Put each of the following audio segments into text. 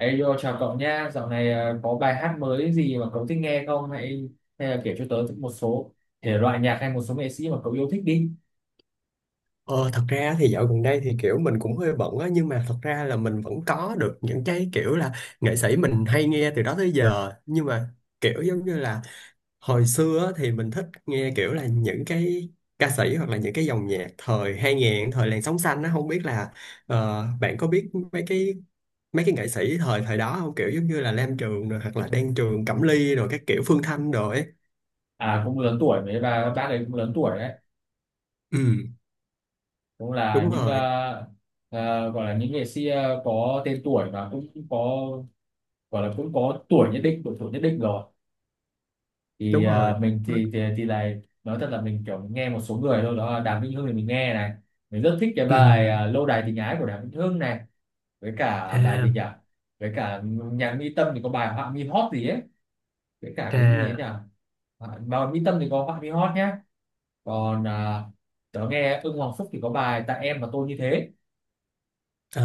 Ê, yo, chào cậu nhá. Dạo này có bài hát mới gì mà cậu thích nghe không? Hay hay là kể cho tớ một số thể loại nhạc hay một số nghệ sĩ mà cậu yêu thích đi. Ờ, Thật ra thì dạo gần đây thì mình cũng hơi bận á, nhưng mà thật ra là mình vẫn có được những cái kiểu là nghệ sĩ mình hay nghe từ đó tới giờ. Nhưng mà kiểu giống như là hồi xưa á, thì mình thích nghe kiểu là những cái ca sĩ hoặc là những cái dòng nhạc thời hai nghìn, thời làn sóng xanh á. Không biết là bạn có biết mấy cái nghệ sĩ thời thời đó không, kiểu giống như là Lam Trường rồi hoặc là Đan Trường, Cẩm Ly rồi các kiểu Phương Thanh rồi ấy. À, cũng lớn tuổi mấy và bác ấy cũng lớn tuổi đấy. Ừ, Cũng là đúng những rồi, gọi là những nghệ sĩ có tên tuổi và cũng có gọi là cũng có tuổi nhất định, độ tuổi nhất định rồi. Đúng rồi. Mình thì này, nói thật là mình kiểu nghe một số người thôi, đó là Đàm Vĩnh Hưng thì mình nghe này. Mình rất thích cái Ừ. bài Lâu đài tình ái của Đàm Vĩnh Hưng này, với cả bài À, gì nhỉ, với cả nhà Mỹ Tâm thì có bài Họa mi hót gì ấy, với cả cái gì ấy nhỉ. à. Bài Mỹ Tâm thì có Họa mi hót nhá. Còn tớ nghe Ưng Hoàng Phúc thì có bài Tại em và Tôi như thế. Ờ,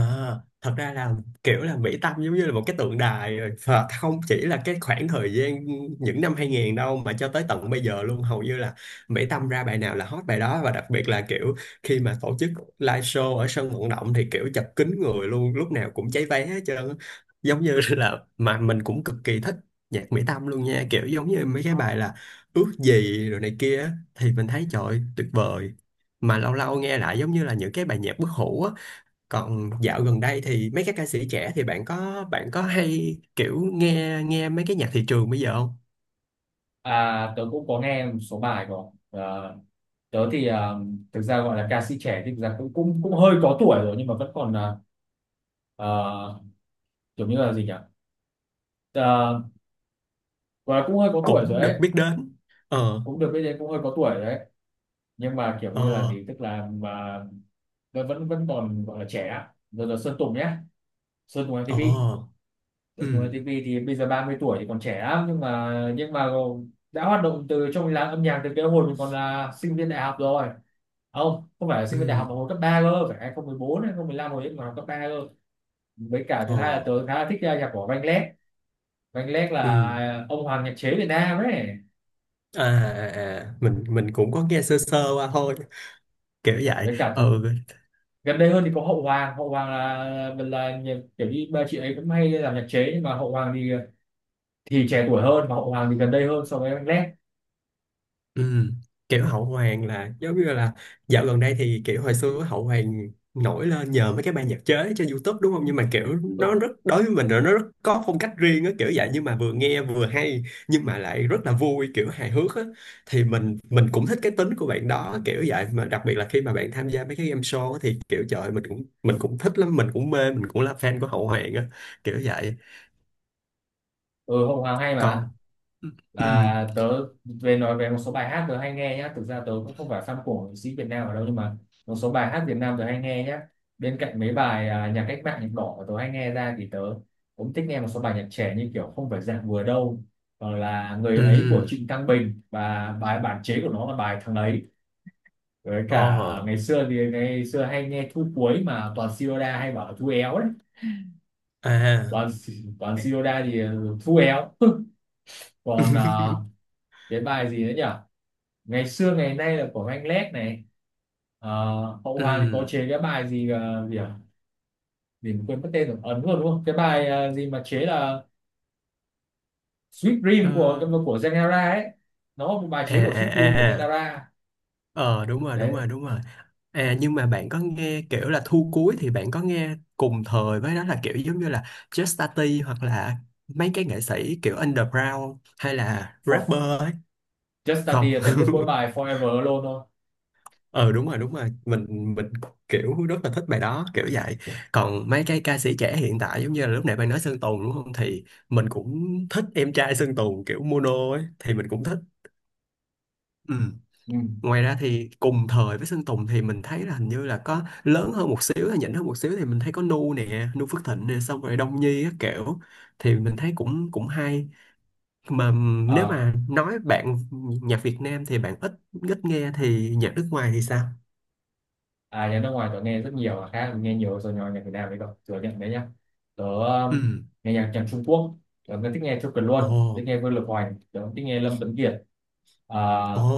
thật ra là kiểu là Mỹ Tâm giống như là một cái tượng đài rồi, và không chỉ là cái khoảng thời gian những năm 2000 đâu mà cho tới tận bây giờ luôn. Hầu như là Mỹ Tâm ra bài nào là hot bài đó, và đặc biệt là kiểu khi mà tổ chức live show ở sân vận động thì kiểu chật kín người luôn, lúc nào cũng cháy vé hết trơn á. Giống như là mà mình cũng cực kỳ thích nhạc Mỹ Tâm luôn nha, kiểu giống như mấy cái bài là ước gì rồi này kia á, thì mình thấy trời ơi, tuyệt vời. Mà lâu lâu nghe lại giống như là những cái bài nhạc bất hủ á. Còn dạo gần đây thì mấy các ca sĩ trẻ thì bạn có hay kiểu nghe nghe mấy cái nhạc thị trường bây giờ không? À, tớ cũng có nghe một số bài của tớ thì thực ra gọi là ca sĩ trẻ thì thực ra cũng cũng cũng hơi có tuổi rồi, nhưng mà vẫn còn à, kiểu như là gì nhỉ, à, gọi là cũng hơi có tuổi rồi Cũng được đấy, biết đến. Ờ, cũng được biết đến, cũng hơi có tuổi rồi đấy. Nhưng mà kiểu như là ờ, gì, tức là mà nó vẫn vẫn còn gọi là trẻ rồi, là Sơn Tùng nhé. Sơn Tùng ờ, MTP. ừ, Sơn Tùng MTP thì bây giờ 30 tuổi thì còn trẻ lắm, nhưng mà đã hoạt động từ trong làng âm nhạc từ cái hồi mình còn là sinh viên đại học rồi. Không, không phải là ừ, sinh viên đại học mà hồi cấp 3 cơ, phải 2014, 2015, hồi ấy còn học cấp 3 cơ. Với cả thứ ờ, hai là tớ khá là thích nhạc của Vanillec. Vanillec ừ. là ông hoàng nhạc chế Việt Nam ấy. À, à, à, mình cũng có nghe sơ sơ qua thôi, kiểu vậy. Với cả thứ Ừ. gần đây hơn thì có Hậu Hoàng. Hậu Hoàng là kiểu như ba chị ấy cũng hay làm nhạc chế, nhưng mà Hậu Hoàng thì trẻ tuổi hơn. Mà Hậu Hoàng thì gần đây hơn so với anh Lét. Ừ. Kiểu Hậu Hoàng là giống như là dạo gần đây thì kiểu hồi xưa Hậu Hoàng nổi lên nhờ mấy cái ban nhạc chế trên YouTube đúng không, nhưng mà kiểu nó Ừ, rất, đối với mình là nó rất có phong cách riêng á, kiểu vậy. Nhưng mà vừa nghe vừa hay nhưng mà lại rất là vui, kiểu hài hước á, thì mình ừ, cũng thích cái tính của bạn đó, kiểu vậy. Mà đặc biệt là khi mà bạn tham gia mấy cái game show á, thì kiểu trời ơi, mình cũng thích lắm, mình cũng mê, mình cũng là fan của Hậu Hoàng á, kiểu vậy. ừ, Hậu Hoàng hay mà. Còn ừ, Tớ về nói về một số bài hát tớ hay nghe nhá. Thực ra tớ cũng không phải fan của nghệ sĩ Việt Nam ở đâu, nhưng mà một số bài hát Việt Nam tớ hay nghe nhá. Bên cạnh mấy bài nhạc cách mạng, nhạc đỏ mà tớ hay nghe ra thì tớ cũng thích nghe một số bài nhạc trẻ như kiểu Không phải dạng vừa đâu, hoặc là ừ, Người ấy của ừ, Trịnh Thăng Bình và bài bản chế của nó là bài Thằng ấy. Với ờ, cả ngày xưa thì ngày xưa hay nghe Thu cuối, mà toàn Sirona hay bảo là Thu éo đấy. à. Còn còn Shinoda thì Thu éo. Còn cái bài gì nữa nhỉ, Ngày xưa ngày nay là của anh Lét này. Ờ, Hậu Hoàng thì có Ừm, chế cái bài gì gì à, gì mà quên mất tên rồi, ấn luôn đúng không, cái bài gì mà chế là Sweet Dream ờ, của Genera ấy, nó một bài à, chế của à, Sweet à, Dream của à. Genera Ờ đúng rồi, đúng đấy. rồi, đúng rồi. À nhưng mà bạn có nghe kiểu là thu cuối, thì bạn có nghe cùng thời với đó là kiểu giống như là Just Tati hoặc là mấy cái nghệ sĩ kiểu underground hay là For rapper ấy. Just Không. Started tớ biết mỗi bài Forever Alone thôi. Ờ đúng rồi, đúng rồi. Mình kiểu rất là thích bài đó, kiểu vậy. Còn mấy cái ca sĩ trẻ hiện tại giống như là lúc nãy bạn nói Sơn Tùng đúng không? Thì mình cũng thích em trai Sơn Tùng kiểu mono ấy, thì mình cũng thích. Ừ. Ừ. Ngoài ra thì cùng thời với Sơn Tùng thì mình thấy là hình như là có lớn hơn một xíu, hay nhỉnh hơn một xíu, thì mình thấy có Nu nè, Nu Phước Thịnh nè, xong rồi Đông Nhi các kiểu, thì mình thấy cũng cũng hay. Mà nếu À. mà nói bạn nhạc Việt Nam thì bạn ít ít nghe, thì nhạc nước ngoài thì sao? À, nhạc nước ngoài tớ nghe rất nhiều, khác nghe nhiều rồi nhỏ nhạc Việt Nam đấy, cậu thừa nhận đấy nhá. Tớ Ừ. nghe nhạc nhạc Trung Quốc, tớ cũng thích nghe Châu Kiệt Ồ, Luân, thích nghe Vương Lực Hoành, tớ cũng thích nghe Lâm Tuấn Kiệt, à,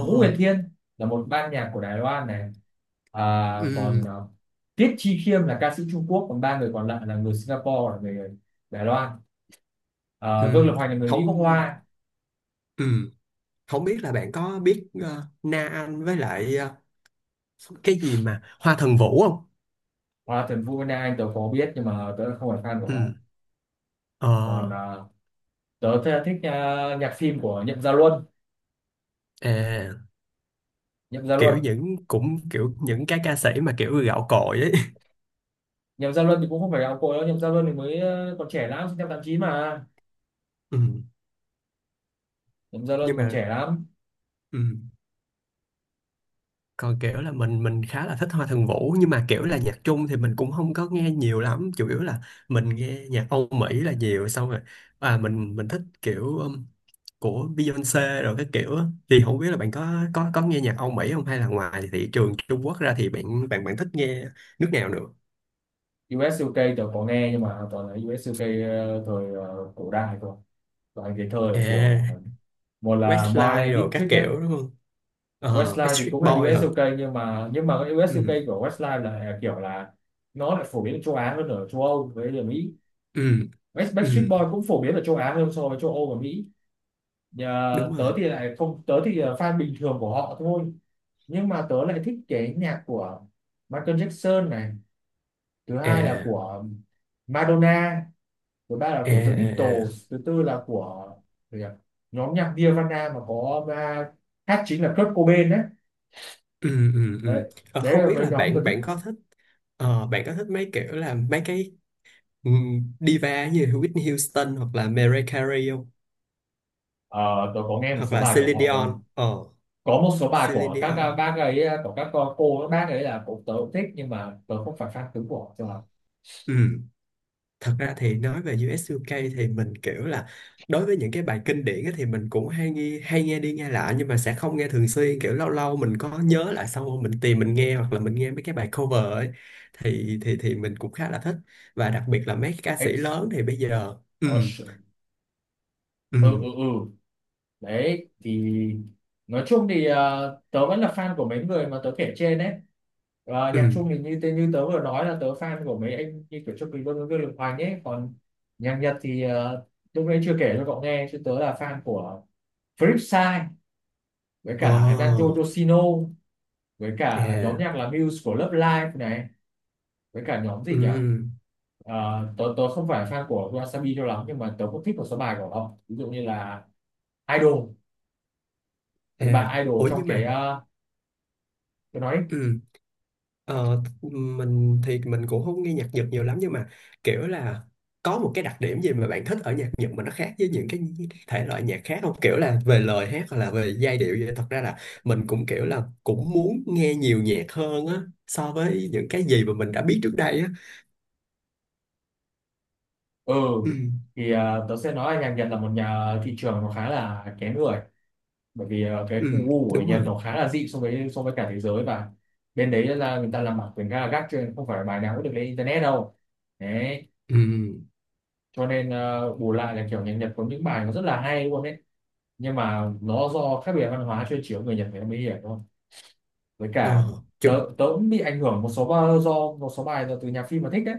Ngũ Huyền Thiên là một ban nhạc của Đài Loan này. à, Ừ, còn Tiết Chi Khiêm là ca sĩ Trung Quốc, còn ba người còn lại là người Singapore, là người Đài Loan. Vương Lực ừ. Hoành là người Mỹ gốc Không. Hoa. Ừ. Không biết là bạn có biết Na Anh với lại ờ, cái gì mà Hoa Thần Vũ không? Hoặc là Trần Vũ Vân Anh tớ có biết nhưng mà tớ không phải fan của họ. Ừ. Ờ, Còn tớ thích nhạc phim của Nhậm Gia Luân. à, Nhậm Gia Luân. kiểu những cũng kiểu những cái ca sĩ mà kiểu gạo cội ấy. Nhậm Gia Luân thì cũng không phải gạo cội đâu. Nhậm Gia Luân thì mới còn trẻ lắm, sinh năm 89 mà. Ừ. Nhậm Gia Luân thì Nhưng còn mà trẻ lắm. ừ. Còn kiểu là mình khá là thích Hoa Thượng Vũ, nhưng mà kiểu là nhạc Trung thì mình cũng không có nghe nhiều lắm, chủ yếu là mình nghe nhạc Âu Mỹ là nhiều. Xong rồi à, mình thích kiểu của Beyoncé rồi cái kiểu á. Thì không biết là bạn có có nghe nhạc Âu Mỹ không, hay là ngoài thị trường Trung Quốc ra thì bạn bạn bạn thích nghe nước nào nữa. US UK tớ có nghe, nhưng mà toàn là US UK thời cổ đại thôi, toàn cái thời của, À, một là Westlife Marlene rồi các Dietrich nhé. kiểu đúng không, ờ Westlife thì Backstreet cũng là Boy US hả, UK, nhưng mà cái US UK ừ, của Westlife là kiểu là nó lại phổ biến ở châu Á hơn ở châu Âu với ở Mỹ. ừ, West Backstreet ừ, Boy cũng phổ biến ở châu Á hơn so với châu Âu và Mỹ. Nhà, đúng rồi, tớ thì lại không, tớ thì là fan bình thường của họ thôi. Nhưng mà tớ lại thích cái nhạc của Michael Jackson này, thứ hai là à, của Madonna, thứ ba là à, của The à, à, Beatles, thứ tư là của gì nhỉ? Nhóm nhạc Nirvana mà có hát chính là Kurt Cobain đấy. ừ, ừ, ừ. Đấy, Ờ, đấy không là biết cái là nhóm tôi bạn thích. bạn có thích ờ, bạn có thích mấy kiểu là mấy cái diva như Whitney Houston hoặc là Mariah Carey không, Ờ, tôi có nghe một hoặc số là bài Celine của họ Dion, không, ờ có một số bài Celine của các Dion. bác ấy, của các các bác ấy là cũng, tớ cũng thích nhưng mà tớ không phải fan cứng của họ cho lắm. Ừ, thật ra thì nói về US UK thì mình kiểu là đối với những cái bài kinh điển á thì mình cũng hay nghe, hay nghe đi nghe lại, nhưng mà sẽ không nghe thường xuyên, kiểu lâu lâu mình có Của nhớ lại xong rồi mình tìm mình nghe, hoặc là mình nghe mấy cái bài cover ấy, thì mình cũng khá là thích. Và đặc biệt là mấy ca sĩ X, lớn thì bây giờ ừ, Ocean. ừ, Ừ, ừ, ừ, đấy thì nói chung thì tớ vẫn là fan của mấy người mà tớ kể trên đấy. Ờ, ừ, nhạc Trung thì như tớ vừa nói là tớ fan của mấy anh như kiểu Châu Quỳ Vương, Vương Lực hoàng ấy. Còn nhạc Nhật thì lúc nãy chưa kể cho cậu nghe chứ, tớ là fan của Flipside, với ồ, cả Nanjo Yoshino, với cả nhóm à, nhạc là Muse của Love Live này, với cả nhóm ừ, gì nhỉ. Ờ, tớ tớ không phải fan của Wasabi cho lắm, nhưng mà tớ cũng thích một số bài của họ, ví dụ như là Idol. à, Cái bài Idol ủa trong nhưng cái mà tớ nói. ừ. Ờ, mình thì mình cũng không nghe nhạc Nhật nhiều lắm, nhưng mà kiểu là có một cái đặc điểm gì mà bạn thích ở nhạc Nhật mà nó khác với những cái thể loại nhạc khác không? Kiểu là về lời hát hoặc là về giai điệu vậy. Thật ra là mình cũng kiểu là cũng muốn nghe nhiều nhạc hơn á, so với những cái gì mà mình đã biết trước đây á. Ừ, Ừ, thì tớ sẽ nói là nhạc Nhật là một nhà thị trường nó khá là kén người, bởi vì cái khu ừ, gu của đúng Nhật rồi. nó khá là dị so với cả thế giới. Và bên đấy là người ta làm bản quyền khá là gắt, cho nên không phải bài nào cũng được lên internet đâu đấy. Ừ, Cho nên bù lại là kiểu nhạc Nhật có những bài nó rất là hay luôn đấy. Nhưng mà nó do khác biệt văn hóa, chơi chiếu người Nhật người ta mới hiểu thôi. Với cả ờ, tớ chứ, tớ cũng bị ảnh hưởng một số do một số bài, do từ nhạc phim mà thích đấy.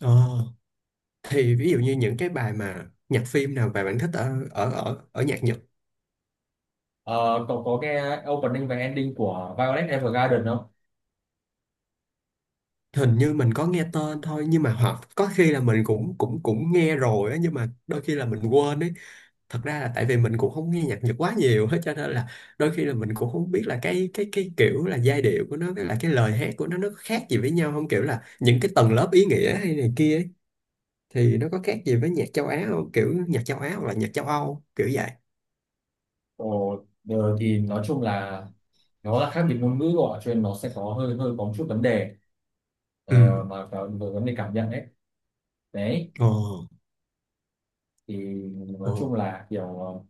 ờ. Thì ví dụ như những cái bài mà nhạc phim nào mà bạn thích ở ở ở ở nhạc Nhật? Ờ, cậu có nghe opening và ending của Violet Evergarden không? Hình như mình có nghe tên thôi, nhưng mà hoặc có khi là mình cũng cũng cũng nghe rồi á, nhưng mà đôi khi là mình quên ấy. Thật ra là tại vì mình cũng không nghe nhạc Nhật quá nhiều hết, cho nên là đôi khi là mình cũng không biết là cái kiểu là giai điệu của nó với là cái lời hát của nó có khác gì với nhau không, kiểu là những cái tầng lớp ý nghĩa hay này kia ấy, thì nó có khác gì với nhạc châu Á không, kiểu nhạc châu Á hoặc là nhạc châu Âu, kiểu vậy. Ồ, giờ thì nói chung là nó là khác biệt ngôn ngữ rồi, cho nên nó sẽ có hơi hơi có một chút vấn đề, Ừ, mà về vấn đề cảm nhận đấy. Đấy ồ, thì nói ồ, chung là kiểu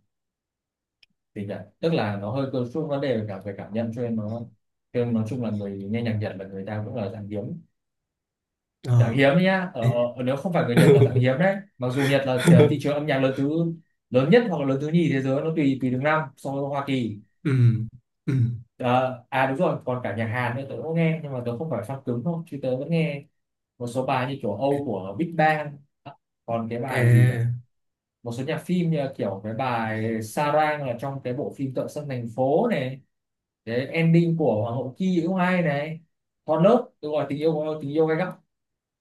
gì nhỉ, tức là nó hơi có chút vấn đề về cả về cảm nhận, cho nên nói chung là người nghe nhạc Nhật là người ta cũng là dạng hiếm. Dạng ờ. hiếm đấy nhá, Ê. Nếu không phải người Nhật là dạng hiếm đấy, mặc dù Nhật là thị trường âm nhạc lớn nhất hoặc là lớn thứ nhì thế giới, nó tùy tùy từng năm so với Hoa Kỳ. Ừ, ừ, Ờ, à đúng rồi, còn cả nhạc Hàn nữa tớ cũng nghe, nhưng mà tớ không phải fan cứng thôi, chứ tớ vẫn nghe một số bài như kiểu Âu của Big Bang. À, còn cái bài gì này, à, một số nhạc phim như là kiểu cái bài Sarang là trong cái bộ phim Tợ Sân Thành Phố này, cái ending của Hoàng hậu Ki cũng hay này. Con lớp tôi gọi tình yêu của tình yêu gay gắt,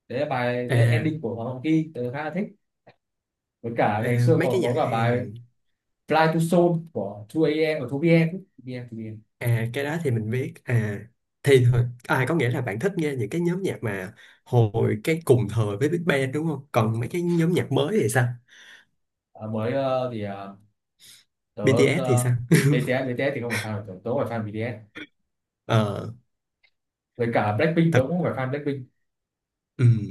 đấy là bài, đấy là à. ending của Hoàng hậu Ki tớ khá là thích. Với cả ngày À, xưa mấy cái còn có nhạc cả bài Hàn, Fly to Seoul của hai A am của 2PM, Em pm 2PM. à cái đó thì mình biết à, thì thôi. À có nghĩa là bạn thích nghe những cái nhóm nhạc mà hồi cái cùng thời với Big Bang đúng không, còn mấy cái nhóm nhạc mới thì sao? Mới thì tớ BTS thì sao? BTS. BTS thì không phải fan của tớ, tớ phải fan BTS, Ờ với cả Blackpink tớ thật cũng phải fan Blackpink. ừm,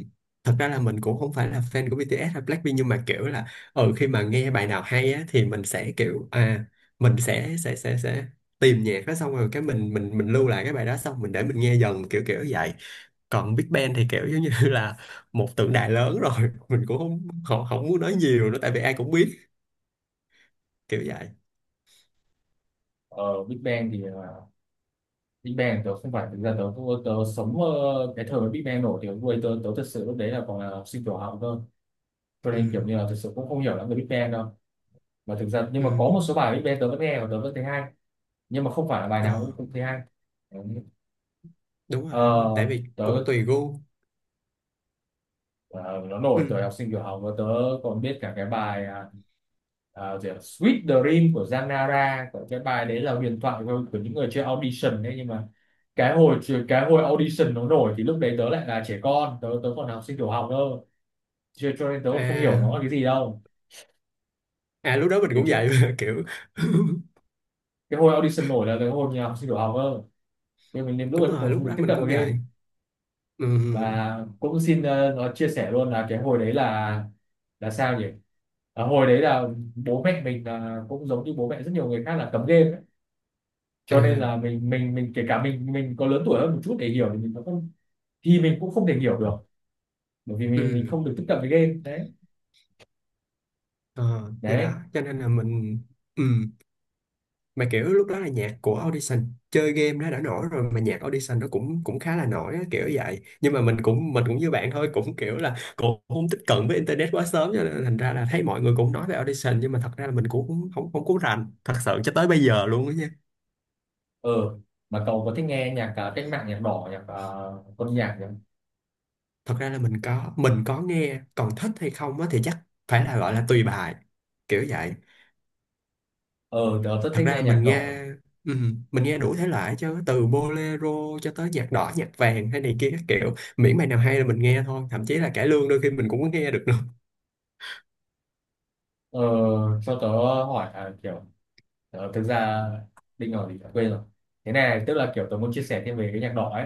thật ra là mình cũng không phải là fan của BTS hay Blackpink, nhưng mà kiểu là ở khi mà nghe bài nào hay á, thì mình sẽ kiểu à, mình sẽ tìm nhạc đó, xong rồi cái mình lưu lại cái bài đó, xong mình để mình nghe dần kiểu, kiểu vậy. Còn Big Bang thì kiểu giống như là một tượng đài lớn rồi, mình cũng không không, không muốn nói nhiều nữa tại vì ai cũng biết, kiểu vậy. Ờ, Big Bang thì Big Bang tớ không phải, thực ra tớ tớ sống cái thời mà Big Bang nổi thì lúc ấy tớ tớ thực sự lúc đấy là còn là học sinh tiểu học cơ, cho Ừ, nên kiểu như là thực sự cũng không hiểu lắm về Big Bang đâu. Mà thực ra nhưng mà có một ừ. số bài Big Bang tớ vẫn nghe và tớ vẫn thấy hay, nhưng mà không phải là bài nào cũng Ờ, cũng thấy hay. Đấy. đúng rồi, đúng rồi, tại ờ, vì tớ cũng tùy gu. Ờ, nó Ừ, nổi thời học sinh tiểu học và còn biết cả cái bài gì ạ? Sweet Dream của Zanara. Còn cái bài đấy là huyền thoại của những người chơi audition đấy, nhưng mà cái hồi cái hồi audition nó nổi thì lúc đấy tớ lại là trẻ con, tớ tớ còn là học sinh tiểu học cơ, cho nên tớ còn không hiểu nó là cái à, gì đâu. à lúc đó mình cái cũng chuyện vậy kiểu. cái hồi audition nổi là cái hồi nhà học sinh tiểu học cơ, nhưng mình đến lúc Đúng ấy cũng rồi, còn lúc không được đó tiếp mình cận vào cũng game. vậy. Ừ, Và cũng xin nó chia sẻ luôn là cái hồi đấy là sao nhỉ Ờ, hồi đấy là bố mẹ mình là cũng giống như bố mẹ rất nhiều người khác là cấm game ấy. Cho nên là à, mình kể cả mình có lớn tuổi hơn một chút để hiểu thì mình cũng không thể hiểu được, bởi vì ừ, mình không được tiếp cận với game đấy. ờ, thì đó Đấy. cho nên là mình ừ. Mà kiểu lúc đó là nhạc của Audition chơi game nó đã nổi rồi, mà nhạc Audition nó cũng cũng khá là nổi á, kiểu vậy. Nhưng mà mình cũng như bạn thôi, cũng kiểu là cũng không tiếp cận với internet quá sớm, cho nên thành ra là thấy mọi người cũng nói về Audition, nhưng mà thật ra là mình cũng không không không có rành thật sự cho tới bây giờ luôn á nha. Ờ, mà cậu có thích nghe nhạc cách mạng, nhạc đỏ, nhạc quân nhạc nhỉ? Thật ra là mình có nghe, còn thích hay không á thì chắc phải là gọi là tùy bài, kiểu vậy. Ờ, tớ rất Thật thích ra nghe nhạc đỏ. Mình nghe đủ thể loại chứ, từ bolero cho tới nhạc đỏ nhạc vàng hay này kia các kiểu, miễn bài nào hay là mình nghe thôi, thậm chí là cải lương đôi khi mình cũng có nghe được nữa. Ờ, cho tớ hỏi là kiểu Ờ, thực ra Đinh rồi thì quên rồi thế này, tức là kiểu tớ muốn chia sẻ thêm về cái nhạc đỏ ấy.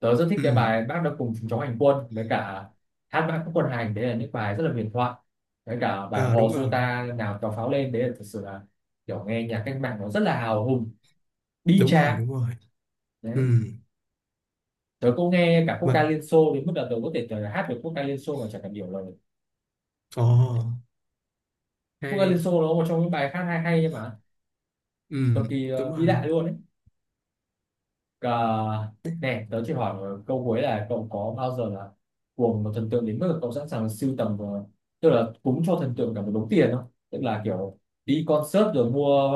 Tớ rất thích cái Ừm, bài Bác Đã Cùng Chúng Cháu Hành Quân, với cả Hát Mãi Các Quân Hành, đấy là những bài rất là huyền thoại. Với cả bài ờ Hò đúng Dô rồi, Ta Nào Tàu Pháo Lên, đấy là thật sự là kiểu nghe nhạc cách mạng nó rất là hào hùng, bi đúng rồi, tráng. đúng rồi. Đấy. Ừm, Tớ cũng nghe cả quốc ca mà Liên Xô, đến mức là tớ có thể, tớ hát được quốc ca Liên Xô mà chẳng cần hiểu lời. ồ Quốc ca Liên hay. Xô nó là một trong những bài hát hay hay mà cực Ừm, kỳ đúng vĩ rồi. đại luôn ấy. Ờ, nè tớ chỉ hỏi câu cuối là cậu có bao giờ là cuồng một thần tượng đến mức là cậu sẵn sàng sưu tầm và- tức là cúng cho thần tượng cả một đống tiền không? Tức là kiểu đi concert rồi mua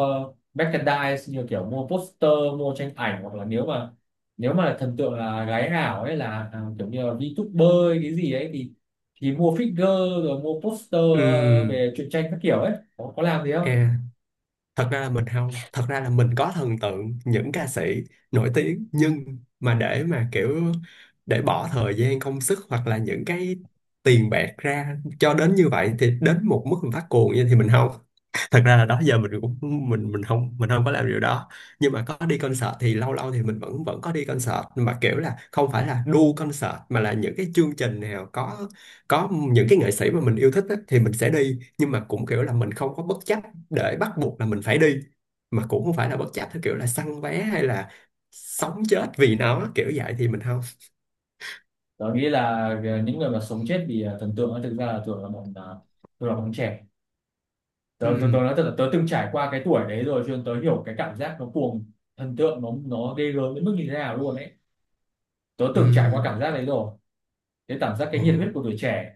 merchandise, như kiểu mua poster, mua tranh ảnh, hoặc là nếu mà thần tượng là gái ảo ấy, là à, kiểu như là VTuber ấy, cái gì ấy, thì mua figure rồi mua poster, Ừm, về truyện tranh các kiểu ấy, có làm gì không? à thật ra là mình không thật ra là mình có thần tượng những ca sĩ nổi tiếng, nhưng mà để mà kiểu để bỏ thời gian công sức hoặc là những cái tiền bạc ra cho đến như vậy, thì đến một mức mình phát cuồng như thì mình không. Thật ra là đó giờ mình không, mình không có làm điều đó. Nhưng mà có đi concert thì lâu lâu thì mình vẫn vẫn có đi concert, mà kiểu là không phải là đu concert mà là những cái chương trình nào có những cái nghệ sĩ mà mình yêu thích á, thì mình sẽ đi. Nhưng mà cũng kiểu là mình không có bất chấp để bắt buộc là mình phải đi, mà cũng không phải là bất chấp theo kiểu là săn vé hay là sống chết vì nó, kiểu vậy thì mình không. Tớ nghĩ là những người mà sống chết vì thần tượng ấy, thực ra là thường là bọn trẻ. Tớ tớ tớ Ừ, nói thật là tớ từng trải qua cái tuổi đấy rồi, cho nên tớ hiểu cái cảm giác nó cuồng thần tượng nó ghê gớm đến mức như thế nào luôn ấy. Tớ ừ, từng trải qua cảm giác đấy rồi, cái cảm giác, cái ồ. nhiệt huyết của tuổi trẻ.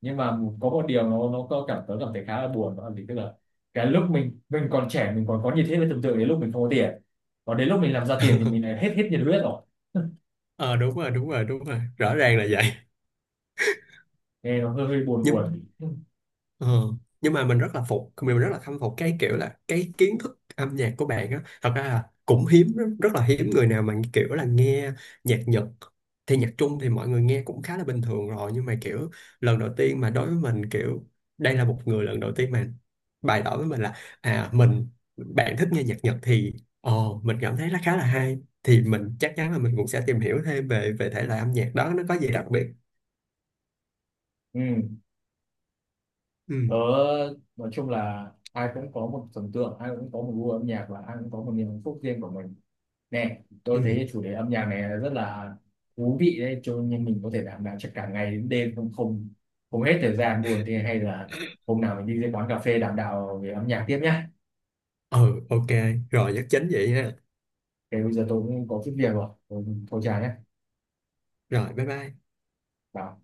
Nhưng mà có một điều nó có cảm tớ cảm thấy khá là buồn, đó là gì, tức là cái lúc mình còn trẻ, mình còn có nhiệt huyết với thần tượng đến lúc mình không có tiền, còn đến lúc mình làm ra tiền thì mình lại hết hết nhiệt huyết rồi. Ờ đúng rồi, đúng rồi, đúng rồi, rõ ràng là vậy. Nghe nó hơi hơi buồn Nhưng buồn. Ờ, nhưng mà mình rất là phục, mình rất là khâm phục cái kiểu là cái kiến thức âm nhạc của bạn á. Thật ra là cũng hiếm, rất, rất là hiếm người nào mà kiểu là nghe nhạc Nhật. Thì nhạc Trung thì mọi người nghe cũng khá là bình thường rồi, nhưng mà kiểu lần đầu tiên mà đối với mình kiểu đây là một người lần đầu tiên mà bày tỏ với mình là à bạn thích nghe nhạc Nhật, thì ờ mình cảm thấy nó khá là hay, thì mình chắc chắn là mình cũng sẽ tìm hiểu thêm về về thể loại âm nhạc đó nó có gì đặc biệt. Ừ. Tớ Ừ, nói chung là ai cũng có một thần tượng, ai cũng có một gu âm nhạc và ai cũng có một niềm hạnh phúc riêng của mình. Nè, ừ, tôi thấy chủ đề âm nhạc này là rất là thú vị đấy, cho nên mình có thể đảm bảo cho cả ngày đến đêm không không không hết thời gian buồn thế, hay là hôm nào mình đi ra quán cà phê đảm đạo về âm nhạc tiếp nhá. ừ, ok, rồi nhắc chính vậy ha. Thế bây giờ tôi cũng có chút việc rồi, thôi chào nhé. Rồi, bye bye. Bảo.